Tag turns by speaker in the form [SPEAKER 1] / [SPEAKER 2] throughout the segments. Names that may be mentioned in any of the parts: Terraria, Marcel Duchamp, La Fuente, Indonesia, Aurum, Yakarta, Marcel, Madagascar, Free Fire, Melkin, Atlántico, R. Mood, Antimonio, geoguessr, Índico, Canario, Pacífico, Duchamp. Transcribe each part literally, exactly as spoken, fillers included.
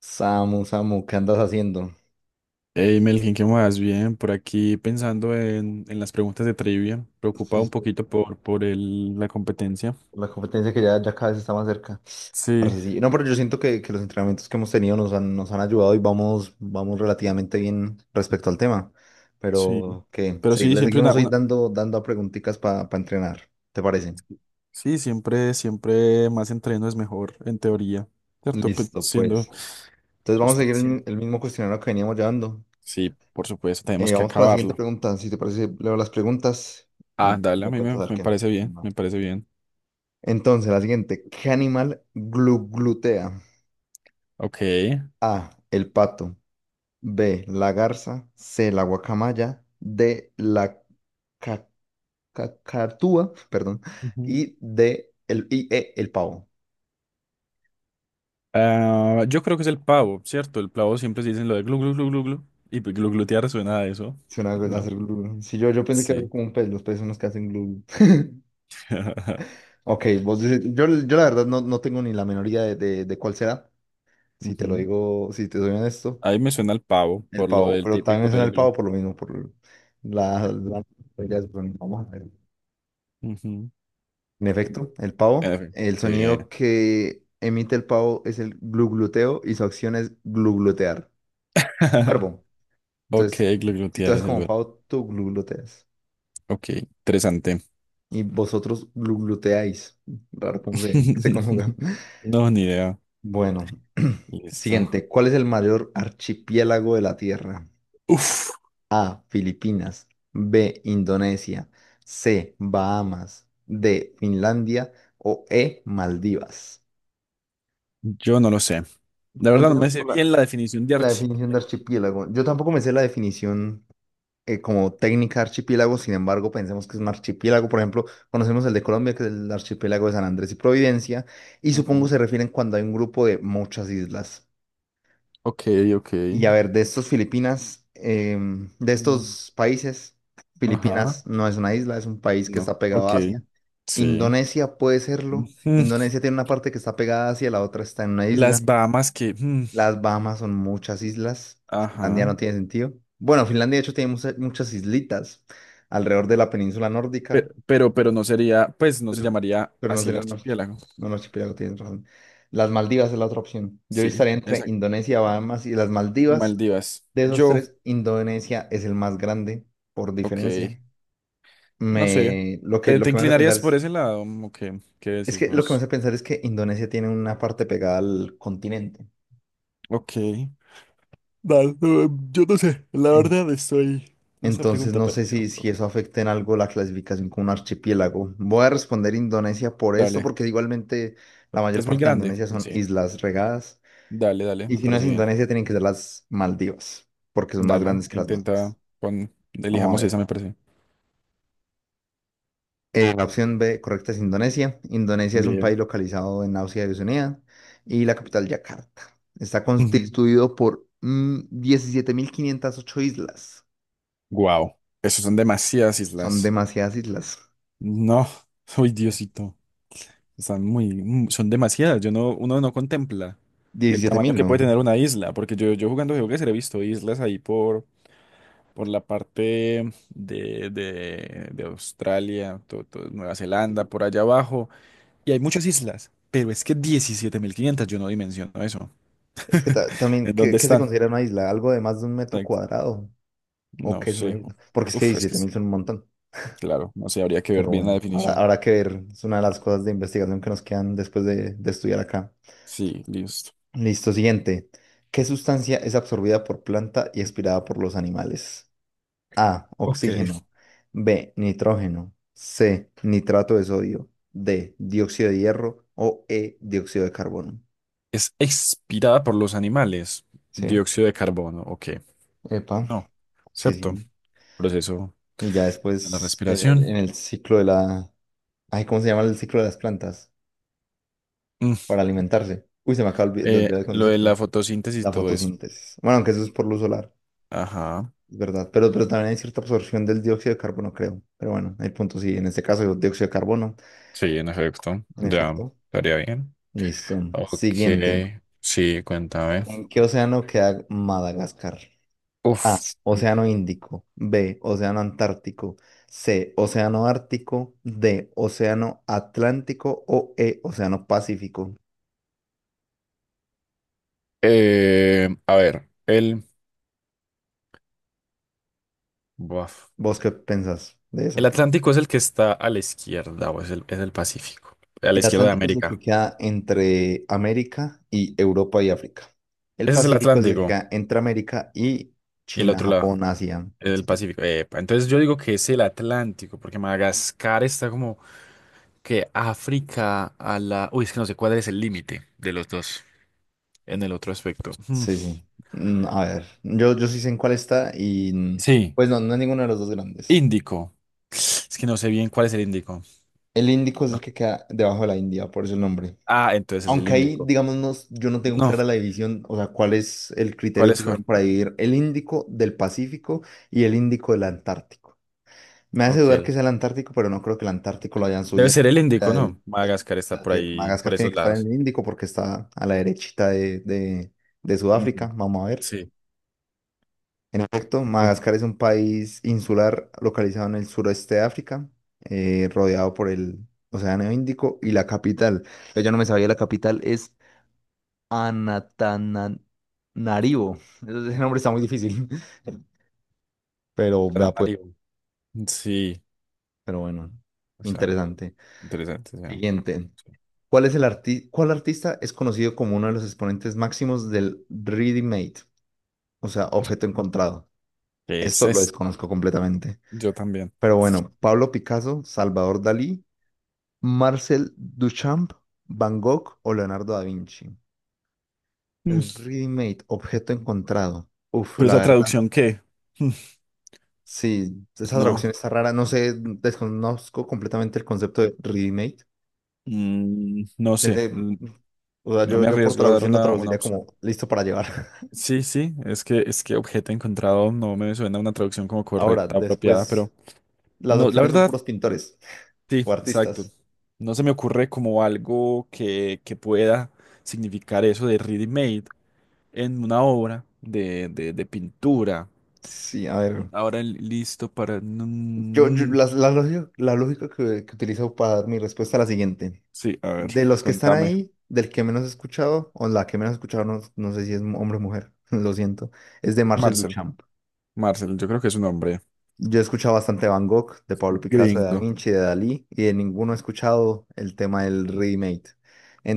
[SPEAKER 1] Samu, Samu, ¿qué andas haciendo?
[SPEAKER 2] Hey Melkin, ¿qué más? Bien, por aquí pensando en, en las preguntas de trivia,
[SPEAKER 1] Sí,
[SPEAKER 2] preocupado un
[SPEAKER 1] sí,
[SPEAKER 2] poquito por, por el- la competencia.
[SPEAKER 1] la competencia que ya, ya cada vez está más cerca.
[SPEAKER 2] Sí,
[SPEAKER 1] Parce, sí. No, pero yo siento que, que los entrenamientos que hemos tenido nos han, nos han ayudado y vamos, vamos relativamente bien respecto al tema.
[SPEAKER 2] sí.
[SPEAKER 1] Pero que
[SPEAKER 2] Pero
[SPEAKER 1] se-
[SPEAKER 2] sí,
[SPEAKER 1] le
[SPEAKER 2] siempre
[SPEAKER 1] seguimos
[SPEAKER 2] una,
[SPEAKER 1] hoy
[SPEAKER 2] una-
[SPEAKER 1] dando, dando a preguntitas para entrenar, ¿te parece?
[SPEAKER 2] sí, siempre, siempre más entreno es mejor, en teoría, ¿cierto? Pe-
[SPEAKER 1] Listo,
[SPEAKER 2] siendo
[SPEAKER 1] pues. Entonces vamos a seguir el,
[SPEAKER 2] sustancia.
[SPEAKER 1] mi- el mismo cuestionario que veníamos llevando.
[SPEAKER 2] Sí, por supuesto, tenemos
[SPEAKER 1] Eh,
[SPEAKER 2] que
[SPEAKER 1] vamos con la siguiente
[SPEAKER 2] acabarlo.
[SPEAKER 1] pregunta. Si te parece, leo las preguntas
[SPEAKER 2] Ah,
[SPEAKER 1] y
[SPEAKER 2] dale, a
[SPEAKER 1] me
[SPEAKER 2] mí
[SPEAKER 1] cuentas
[SPEAKER 2] me,
[SPEAKER 1] a ver
[SPEAKER 2] me
[SPEAKER 1] qué.
[SPEAKER 2] parece bien,
[SPEAKER 1] Va.
[SPEAKER 2] me parece bien.
[SPEAKER 1] Entonces, la siguiente. ¿Qué animal glu- glutea?
[SPEAKER 2] Ok.
[SPEAKER 1] A, el pato. B, la garza. C, la guacamaya. D, la ca- cacatúa, perdón.
[SPEAKER 2] Ujú.
[SPEAKER 1] Y D, el, y E, el pavo.
[SPEAKER 2] Ah, yo creo que es el pavo, ¿cierto? El pavo siempre se dicen lo de glu glu glu glu glu. Y pues, glu glutear suena a eso.
[SPEAKER 1] Suena a
[SPEAKER 2] No.
[SPEAKER 1] hacer glu, glu. Sí, yo, yo pensé que era
[SPEAKER 2] Sí.
[SPEAKER 1] como un pez, los peces son los que hacen glu, glu. Ok, vos dices, yo, yo la verdad no, no tengo ni la menor idea de de, de cuál será. Si te lo
[SPEAKER 2] Ujú.
[SPEAKER 1] digo, si te soy honesto,
[SPEAKER 2] Ahí me suena el pavo
[SPEAKER 1] el
[SPEAKER 2] por lo
[SPEAKER 1] pavo.
[SPEAKER 2] del
[SPEAKER 1] Pero
[SPEAKER 2] típico
[SPEAKER 1] también es
[SPEAKER 2] del
[SPEAKER 1] el pavo
[SPEAKER 2] glu.
[SPEAKER 1] por lo mismo, por la, la... Ya, es- bueno, vamos a ver.
[SPEAKER 2] Ujú.
[SPEAKER 1] En efecto, el pavo,
[SPEAKER 2] En fin,
[SPEAKER 1] el
[SPEAKER 2] qué
[SPEAKER 1] sonido
[SPEAKER 2] bien.
[SPEAKER 1] que emite el pavo es el glugluteo y su acción es gluglutear. Es un verbo.
[SPEAKER 2] Ok,
[SPEAKER 1] Entonces, si tú
[SPEAKER 2] gluglutear
[SPEAKER 1] haces
[SPEAKER 2] es el
[SPEAKER 1] como
[SPEAKER 2] verbo.
[SPEAKER 1] pavo, tú glugluteas
[SPEAKER 2] Ok, interesante.
[SPEAKER 1] y vosotros glugluteáis. Raro cómo se, se conjuga.
[SPEAKER 2] No, ni idea.
[SPEAKER 1] Bueno,
[SPEAKER 2] Listo.
[SPEAKER 1] siguiente. ¿Cuál es el mayor archipiélago de la Tierra?
[SPEAKER 2] Uf,
[SPEAKER 1] A, Filipinas. B, Indonesia. C, Bahamas. D, Finlandia. O E, Maldivas.
[SPEAKER 2] yo no lo sé. La verdad no me
[SPEAKER 1] Empecemos
[SPEAKER 2] sé
[SPEAKER 1] por la
[SPEAKER 2] bien la definición de
[SPEAKER 1] La definición de
[SPEAKER 2] archipiélago.
[SPEAKER 1] archipiélago. Yo tampoco me sé la definición, eh, como técnica de archipiélago. Sin embargo, pensemos que es un archipiélago. Por ejemplo, conocemos el de Colombia, que es el archipiélago de San Andrés y Providencia, y supongo
[SPEAKER 2] Ujú.
[SPEAKER 1] se refieren cuando hay un grupo de muchas islas.
[SPEAKER 2] Ok, ok.
[SPEAKER 1] Y a ver, de estos Filipinas, em, de
[SPEAKER 2] Mm,
[SPEAKER 1] estos países,
[SPEAKER 2] ajá.
[SPEAKER 1] Filipinas no es una isla, es un país que
[SPEAKER 2] No.
[SPEAKER 1] está pegado
[SPEAKER 2] Ok.
[SPEAKER 1] a Asia.
[SPEAKER 2] Sí.
[SPEAKER 1] Indonesia puede serlo.
[SPEAKER 2] Ujú.
[SPEAKER 1] Indonesia tiene una parte que está pegada a Asia, la otra está en una isla.
[SPEAKER 2] Las Bahamas que... mm,
[SPEAKER 1] Las Bahamas son muchas islas. Finlandia no
[SPEAKER 2] ajá.
[SPEAKER 1] tiene sentido. Bueno, Finlandia de hecho tiene mucha- muchas islitas alrededor de la península nórdica,
[SPEAKER 2] Pero, pero, pero no sería, pues no se
[SPEAKER 1] pero,
[SPEAKER 2] llamaría
[SPEAKER 1] pero no
[SPEAKER 2] así el
[SPEAKER 1] sería un archi-
[SPEAKER 2] archipiélago.
[SPEAKER 1] no, un archipiélago, tienes razón. Las Maldivas es la otra opción. Yo
[SPEAKER 2] Sí,
[SPEAKER 1] estaría entre
[SPEAKER 2] exacto.
[SPEAKER 1] Indonesia, Bahamas y las
[SPEAKER 2] Y
[SPEAKER 1] Maldivas.
[SPEAKER 2] Maldivas.
[SPEAKER 1] De esos
[SPEAKER 2] Yo,
[SPEAKER 1] tres, Indonesia es el más grande por
[SPEAKER 2] ok,
[SPEAKER 1] diferencia.
[SPEAKER 2] no sé.
[SPEAKER 1] Me, lo que,
[SPEAKER 2] ¿Te,
[SPEAKER 1] lo
[SPEAKER 2] te
[SPEAKER 1] que me hace pensar
[SPEAKER 2] inclinarías por
[SPEAKER 1] es,
[SPEAKER 2] ese lado? Ok, ¿qué
[SPEAKER 1] es
[SPEAKER 2] decís
[SPEAKER 1] que lo que me
[SPEAKER 2] vos?
[SPEAKER 1] hace pensar es que Indonesia tiene una parte pegada al continente.
[SPEAKER 2] Ok. Nah, no, yo no sé, la verdad estoy en esa
[SPEAKER 1] Entonces
[SPEAKER 2] pregunta
[SPEAKER 1] no sé
[SPEAKER 2] perdido.
[SPEAKER 1] si, si
[SPEAKER 2] Pero-
[SPEAKER 1] eso afecta en algo la clasificación como un archipiélago. Voy a responder Indonesia por esto,
[SPEAKER 2] dale.
[SPEAKER 1] porque igualmente la mayor
[SPEAKER 2] ¿Es muy
[SPEAKER 1] parte de
[SPEAKER 2] grande?
[SPEAKER 1] Indonesia son
[SPEAKER 2] Sí.
[SPEAKER 1] islas regadas.
[SPEAKER 2] Dale, dale,
[SPEAKER 1] Y
[SPEAKER 2] me
[SPEAKER 1] si no es
[SPEAKER 2] parece bien.
[SPEAKER 1] Indonesia, tienen que ser las Maldivas, porque son más
[SPEAKER 2] Dale,
[SPEAKER 1] grandes que las
[SPEAKER 2] intenta
[SPEAKER 1] Malvinas.
[SPEAKER 2] pon,
[SPEAKER 1] Vamos a
[SPEAKER 2] elijamos esa,
[SPEAKER 1] ver.
[SPEAKER 2] me parece.
[SPEAKER 1] Eh, la opción B correcta es Indonesia. Indonesia es un país
[SPEAKER 2] Bien.
[SPEAKER 1] localizado en Asia y Oceanía y la capital Yakarta. Está constituido por mm, diecisiete mil quinientas ocho islas.
[SPEAKER 2] Wow. Esos son demasiadas
[SPEAKER 1] Son
[SPEAKER 2] islas.
[SPEAKER 1] demasiadas islas.
[SPEAKER 2] No. Uy, Diosito. Están muy, mm, son demasiadas. Yo no, uno no contempla el
[SPEAKER 1] Diecisiete
[SPEAKER 2] tamaño
[SPEAKER 1] mil
[SPEAKER 2] que puede
[SPEAKER 1] ¿no?
[SPEAKER 2] tener una isla, porque yo, yo jugando geoguessr he visto islas ahí por, por la parte de, de, de Australia, to- to- Nueva Zelanda, por allá abajo, y hay muchas islas, pero es que diecisiete mil quinientos, yo no dimensiono eso.
[SPEAKER 1] Es que ta- también,
[SPEAKER 2] ¿En
[SPEAKER 1] ¿qué,
[SPEAKER 2] dónde
[SPEAKER 1] qué se
[SPEAKER 2] están?
[SPEAKER 1] considera una isla? ¿Algo de más de un metro
[SPEAKER 2] Exacto.
[SPEAKER 1] cuadrado? ¿O
[SPEAKER 2] No
[SPEAKER 1] qué es una
[SPEAKER 2] sé.
[SPEAKER 1] isla? Porque es que
[SPEAKER 2] Uf, es que
[SPEAKER 1] diecisiete mil
[SPEAKER 2] es,
[SPEAKER 1] son un montón.
[SPEAKER 2] claro, no sé, habría que ver
[SPEAKER 1] Pero
[SPEAKER 2] bien la
[SPEAKER 1] bueno, ahora,
[SPEAKER 2] definición.
[SPEAKER 1] habrá que ver. Es una de las cosas de investigación que nos quedan después de, de estudiar acá.
[SPEAKER 2] Sí, listo.
[SPEAKER 1] Listo, siguiente. ¿Qué sustancia es absorbida por planta y expirada por los animales? A,
[SPEAKER 2] Ok.
[SPEAKER 1] oxígeno. B, nitrógeno. C, nitrato de sodio. D, dióxido de hierro. O E, dióxido de carbono.
[SPEAKER 2] Es expirada por los animales.
[SPEAKER 1] Sí,
[SPEAKER 2] Dióxido de carbono, ok.
[SPEAKER 1] epa.
[SPEAKER 2] No,
[SPEAKER 1] Sí,
[SPEAKER 2] ¿cierto?
[SPEAKER 1] sí.
[SPEAKER 2] Proceso
[SPEAKER 1] Y ya
[SPEAKER 2] a la
[SPEAKER 1] después en el, en
[SPEAKER 2] respiración.
[SPEAKER 1] el ciclo de la... Ay, ¿cómo se llama el ciclo de las plantas?
[SPEAKER 2] Mm,
[SPEAKER 1] Para alimentarse. Uy, se me acaba olvi- de
[SPEAKER 2] eh,
[SPEAKER 1] olvidar el
[SPEAKER 2] lo de
[SPEAKER 1] concepto.
[SPEAKER 2] la fotosíntesis y
[SPEAKER 1] La
[SPEAKER 2] todo eso.
[SPEAKER 1] fotosíntesis. Bueno, aunque eso es por luz solar,
[SPEAKER 2] Ajá.
[SPEAKER 1] es verdad. Pero, pero también hay cierta absorción del dióxido de carbono, creo. Pero bueno, el punto sí. En este caso, el dióxido de carbono.
[SPEAKER 2] Sí, en efecto.
[SPEAKER 1] En
[SPEAKER 2] Ya,
[SPEAKER 1] efecto.
[SPEAKER 2] estaría bien.
[SPEAKER 1] Listo.
[SPEAKER 2] Ok,
[SPEAKER 1] Siguiente.
[SPEAKER 2] sí, cuéntame.
[SPEAKER 1] ¿En qué océano queda Madagascar? A,
[SPEAKER 2] Uf.
[SPEAKER 1] Océano Índico. B, Océano Antártico. C, Océano Ártico. D, Océano Atlántico. O E, Océano Pacífico.
[SPEAKER 2] Eh, a ver, el, buaf.
[SPEAKER 1] ¿Vos qué pensás de
[SPEAKER 2] El
[SPEAKER 1] eso?
[SPEAKER 2] Atlántico es el que está a la izquierda o es el, es el Pacífico. A la
[SPEAKER 1] El
[SPEAKER 2] izquierda de
[SPEAKER 1] Atlántico es el que
[SPEAKER 2] América.
[SPEAKER 1] queda entre América y Europa y África. El
[SPEAKER 2] Ese es el
[SPEAKER 1] Pacífico es el que
[SPEAKER 2] Atlántico.
[SPEAKER 1] queda entre América y
[SPEAKER 2] Y el
[SPEAKER 1] China,
[SPEAKER 2] otro lado,
[SPEAKER 1] Japón, Asia,
[SPEAKER 2] el
[SPEAKER 1] etcétera.
[SPEAKER 2] Pacífico. Epa, entonces yo digo que es el Atlántico, porque Madagascar está como que África a la... Uy, es que no sé cuál es el límite de los dos en el otro aspecto. Mm,
[SPEAKER 1] Sí, sí. Mm, A ver, yo, yo sí sé en cuál está, y mm,
[SPEAKER 2] Sí,
[SPEAKER 1] pues no, no es ninguno de los dos grandes.
[SPEAKER 2] Índico. Es que no sé bien cuál es el Índico.
[SPEAKER 1] El Índico es el
[SPEAKER 2] No.
[SPEAKER 1] que queda debajo de la India, por eso el nombre.
[SPEAKER 2] Ah, entonces es el
[SPEAKER 1] Aunque ahí,
[SPEAKER 2] Índico.
[SPEAKER 1] digamos, no s- yo no tengo
[SPEAKER 2] No,
[SPEAKER 1] clara la división, o sea, cuál es el
[SPEAKER 2] ¿cuál
[SPEAKER 1] criterio que
[SPEAKER 2] es
[SPEAKER 1] usaron
[SPEAKER 2] cuál?
[SPEAKER 1] para dividir el Índico del Pacífico y el Índico del Antártico. Me hace dudar que
[SPEAKER 2] Ok,
[SPEAKER 1] sea el Antártico, pero no creo que el Antártico lo hayan
[SPEAKER 2] debe
[SPEAKER 1] subido hasta
[SPEAKER 2] ser el
[SPEAKER 1] más allá
[SPEAKER 2] Índico,
[SPEAKER 1] del-
[SPEAKER 2] ¿no?
[SPEAKER 1] del-
[SPEAKER 2] Madagascar
[SPEAKER 1] de
[SPEAKER 2] está
[SPEAKER 1] la
[SPEAKER 2] por
[SPEAKER 1] Tierra.
[SPEAKER 2] ahí,
[SPEAKER 1] Madagascar
[SPEAKER 2] por
[SPEAKER 1] tiene
[SPEAKER 2] esos
[SPEAKER 1] que estar en
[SPEAKER 2] lados.
[SPEAKER 1] el Índico porque está a la derechita de, de- de Sudáfrica.
[SPEAKER 2] Ujú.
[SPEAKER 1] Vamos a ver.
[SPEAKER 2] Sí.
[SPEAKER 1] En efecto,
[SPEAKER 2] Ok.
[SPEAKER 1] Madagascar es un país insular localizado en el suroeste de África, eh, rodeado por el Océano Índico, y la capital. Yo ya no me sabía, la capital es Anatananarivo. Ese nombre está muy difícil. Pero vea pues,
[SPEAKER 2] Canario. Sí,
[SPEAKER 1] pero bueno,
[SPEAKER 2] o sea,
[SPEAKER 1] interesante.
[SPEAKER 2] interesante. O sea,
[SPEAKER 1] Siguiente.
[SPEAKER 2] sí.
[SPEAKER 1] ¿Cuál es el arti- cuál artista es conocido como uno de los exponentes máximos del ready-made? O sea, objeto encontrado.
[SPEAKER 2] ¿Qué es
[SPEAKER 1] Esto lo
[SPEAKER 2] esto?
[SPEAKER 1] desconozco completamente.
[SPEAKER 2] Yo también.
[SPEAKER 1] Pero bueno, Pablo Picasso, Salvador Dalí, Marcel Duchamp, Van Gogh o Leonardo da Vinci. El
[SPEAKER 2] Mm,
[SPEAKER 1] ready-made, objeto encontrado. Uf,
[SPEAKER 2] ¿Pero
[SPEAKER 1] la
[SPEAKER 2] esa
[SPEAKER 1] verdad.
[SPEAKER 2] traducción qué? Mm,
[SPEAKER 1] Sí, esa
[SPEAKER 2] no,
[SPEAKER 1] traducción está rara. No sé, desconozco completamente el concepto de remake.
[SPEAKER 2] Mm, no sé.
[SPEAKER 1] Pensé, o sea,
[SPEAKER 2] No
[SPEAKER 1] yo,
[SPEAKER 2] me
[SPEAKER 1] yo por
[SPEAKER 2] arriesgo a dar
[SPEAKER 1] traducción lo
[SPEAKER 2] una, una
[SPEAKER 1] traduciría
[SPEAKER 2] opción.
[SPEAKER 1] como listo para llevar.
[SPEAKER 2] Sí, sí, es que, es que objeto encontrado no me suena una traducción como
[SPEAKER 1] Ahora,
[SPEAKER 2] correcta, apropiada, pero
[SPEAKER 1] después, las
[SPEAKER 2] no, la
[SPEAKER 1] opciones son
[SPEAKER 2] verdad,
[SPEAKER 1] puros pintores
[SPEAKER 2] sí,
[SPEAKER 1] o
[SPEAKER 2] exacto.
[SPEAKER 1] artistas.
[SPEAKER 2] No se me ocurre como algo que, que pueda significar eso de ready-made en una obra de, de, de pintura.
[SPEAKER 1] Sí, a ver.
[SPEAKER 2] Ahora li- listo para...
[SPEAKER 1] Yo, yo-
[SPEAKER 2] mm,
[SPEAKER 1] las- la, lógica, la lógica que, que utilizo para dar mi respuesta es la siguiente.
[SPEAKER 2] sí, a ver,
[SPEAKER 1] De los que están
[SPEAKER 2] contame.
[SPEAKER 1] ahí, del que menos he escuchado, o la que menos he escuchado, no, no sé si es hombre o mujer, lo siento, es de Marcel
[SPEAKER 2] Marcel,
[SPEAKER 1] Duchamp.
[SPEAKER 2] Marcel, yo creo que es un hombre
[SPEAKER 1] Yo he escuchado bastante Van Gogh, de Pablo Picasso, de Da
[SPEAKER 2] gringo.
[SPEAKER 1] Vinci, de Dalí, y de ninguno he escuchado el tema del remake.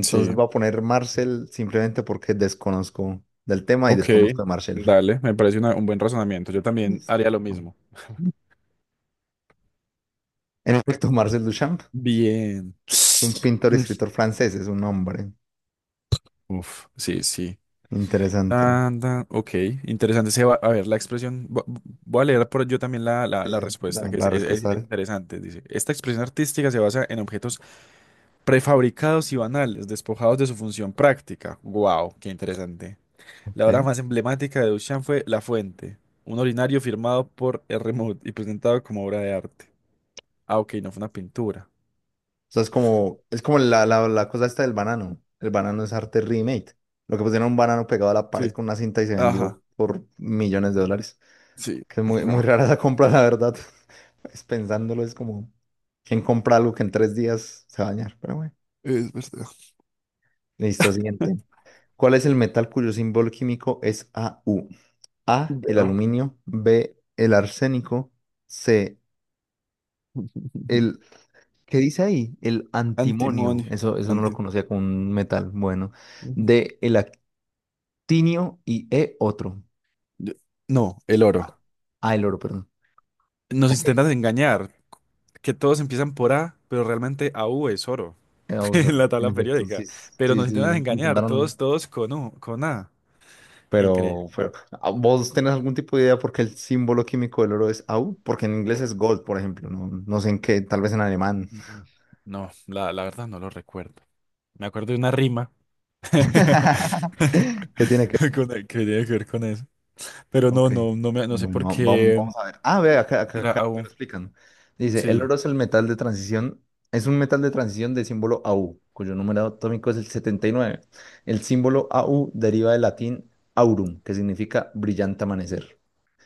[SPEAKER 2] Sí,
[SPEAKER 1] voy a poner Marcel simplemente porque desconozco del tema y
[SPEAKER 2] ok,
[SPEAKER 1] desconozco de Marcel.
[SPEAKER 2] dale, me parece una- un buen razonamiento. Yo también
[SPEAKER 1] Listo.
[SPEAKER 2] haría lo mismo.
[SPEAKER 1] En efecto, Marcel Duchamp,
[SPEAKER 2] Bien.
[SPEAKER 1] un pintor y
[SPEAKER 2] Mm,
[SPEAKER 1] escritor francés, es un hombre.
[SPEAKER 2] uf, sí, sí.
[SPEAKER 1] Interesante.
[SPEAKER 2] Tan, tan, ok, interesante. Se va, a ver, la expresión, vo- voy a leer por yo también la, la,
[SPEAKER 1] Sí,
[SPEAKER 2] la
[SPEAKER 1] sí,
[SPEAKER 2] respuesta,
[SPEAKER 1] la,
[SPEAKER 2] que es,
[SPEAKER 1] la
[SPEAKER 2] es- es
[SPEAKER 1] respuesta de...
[SPEAKER 2] interesante. Dice, esta expresión artística se basa en objetos prefabricados y banales, despojados de su función práctica. Wow, qué interesante.
[SPEAKER 1] Ok.
[SPEAKER 2] La obra
[SPEAKER 1] O
[SPEAKER 2] más emblemática de Duchamp fue La Fuente, un ordinario firmado por R. Mood y presentado como obra de arte. Ah, ok, no fue una pintura.
[SPEAKER 1] sea, es como, es como, la, la, la cosa esta del banano. El banano es arte remake. Lo que pusieron un banano pegado a la pared
[SPEAKER 2] Sí.
[SPEAKER 1] con una cinta y se vendió
[SPEAKER 2] Ajá,
[SPEAKER 1] por millones de dólares.
[SPEAKER 2] sí.
[SPEAKER 1] Que es muy, muy
[SPEAKER 2] Wow,
[SPEAKER 1] rara esa compra, la verdad. Es pensándolo, es como, ¿quién compra algo que en tres días se va a dañar? Pero bueno.
[SPEAKER 2] es verdad.
[SPEAKER 1] Listo, siguiente. ¿Cuál es el metal cuyo símbolo químico es A U? A, el aluminio. B, el arsénico. C, el... ¿Qué dice ahí? El antimonio.
[SPEAKER 2] Antimonio.
[SPEAKER 1] Eso, eso no lo
[SPEAKER 2] Anti.
[SPEAKER 1] conocía como un metal. Bueno.
[SPEAKER 2] Ujú.
[SPEAKER 1] D, el actinio y E, otro.
[SPEAKER 2] Yo- no, el oro.
[SPEAKER 1] Ah, el oro, perdón.
[SPEAKER 2] Nos
[SPEAKER 1] Ok. Eh,
[SPEAKER 2] intentan engañar, que todos empiezan por A, pero realmente A U es oro
[SPEAKER 1] vamos a
[SPEAKER 2] en
[SPEAKER 1] ver.
[SPEAKER 2] la
[SPEAKER 1] En
[SPEAKER 2] tabla
[SPEAKER 1] efecto,
[SPEAKER 2] periódica.
[SPEAKER 1] sí,
[SPEAKER 2] Pero
[SPEAKER 1] sí,
[SPEAKER 2] nos intentan
[SPEAKER 1] sí.
[SPEAKER 2] engañar,
[SPEAKER 1] Intentaron
[SPEAKER 2] todos, todos con U, con A.
[SPEAKER 1] Pero,
[SPEAKER 2] Increíble.
[SPEAKER 1] pero, ¿a- ¿Vos tenés algún tipo de idea por qué el símbolo químico del oro es Au? Porque en inglés es gold, por ejemplo. No, no sé en qué, tal vez en alemán.
[SPEAKER 2] Mm. No, la, la verdad no lo recuerdo. Me acuerdo de una rima
[SPEAKER 1] ¿Qué tiene que ver?
[SPEAKER 2] con el- que tiene que ver con eso. Pero no,
[SPEAKER 1] Ok.
[SPEAKER 2] no, no, me, no sé
[SPEAKER 1] Bueno,
[SPEAKER 2] por
[SPEAKER 1] vam- vam-
[SPEAKER 2] qué
[SPEAKER 1] vamos a ver. Ah, ve, acá, acá,
[SPEAKER 2] era
[SPEAKER 1] acá
[SPEAKER 2] A
[SPEAKER 1] me
[SPEAKER 2] U.
[SPEAKER 1] lo explican. Dice, el
[SPEAKER 2] Sí.
[SPEAKER 1] oro es el metal de transición, es un metal de transición de símbolo Au, cuyo número atómico es el setenta y nueve. El símbolo Au deriva del latín aurum, que significa brillante amanecer.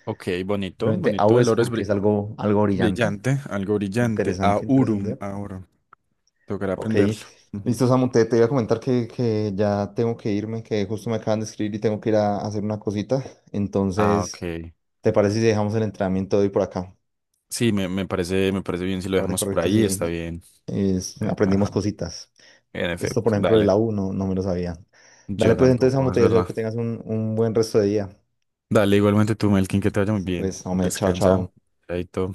[SPEAKER 2] Ok, bonito,
[SPEAKER 1] Simplemente Au
[SPEAKER 2] bonito. El
[SPEAKER 1] es
[SPEAKER 2] oro es,
[SPEAKER 1] porque es
[SPEAKER 2] bri-
[SPEAKER 1] algo, algo, brillante.
[SPEAKER 2] brillante, algo brillante.
[SPEAKER 1] Interesante,
[SPEAKER 2] Aurum,
[SPEAKER 1] interesante.
[SPEAKER 2] ahora. Tocará
[SPEAKER 1] Ok,
[SPEAKER 2] aprenderlo. Ujú.
[SPEAKER 1] listo, Samu, te, te iba a comentar que, que ya tengo que irme, que justo me acaban de escribir y tengo que ir a hacer una cosita.
[SPEAKER 2] Ah,
[SPEAKER 1] Entonces,
[SPEAKER 2] ok.
[SPEAKER 1] ¿te parece si dejamos el entrenamiento de hoy por acá?
[SPEAKER 2] Sí, me, me parece, me parece bien si lo
[SPEAKER 1] Parece
[SPEAKER 2] dejamos por
[SPEAKER 1] correcto,
[SPEAKER 2] ahí,
[SPEAKER 1] sí.
[SPEAKER 2] está bien.
[SPEAKER 1] Es-
[SPEAKER 2] Eh,
[SPEAKER 1] aprendimos
[SPEAKER 2] ajá.
[SPEAKER 1] cositas.
[SPEAKER 2] En
[SPEAKER 1] Esto, por
[SPEAKER 2] efecto,
[SPEAKER 1] ejemplo, de
[SPEAKER 2] dale.
[SPEAKER 1] la U no, no me lo sabía. Dale,
[SPEAKER 2] Yo
[SPEAKER 1] pues entonces,
[SPEAKER 2] tampoco,
[SPEAKER 1] Samu,
[SPEAKER 2] es
[SPEAKER 1] te deseo
[SPEAKER 2] verdad.
[SPEAKER 1] que tengas un, un buen resto de día.
[SPEAKER 2] Dale, igualmente tú, Melkin, que te vaya muy
[SPEAKER 1] Listo,
[SPEAKER 2] bien.
[SPEAKER 1] pues, hombre, chao,
[SPEAKER 2] Descansa.
[SPEAKER 1] chao.
[SPEAKER 2] Chaito.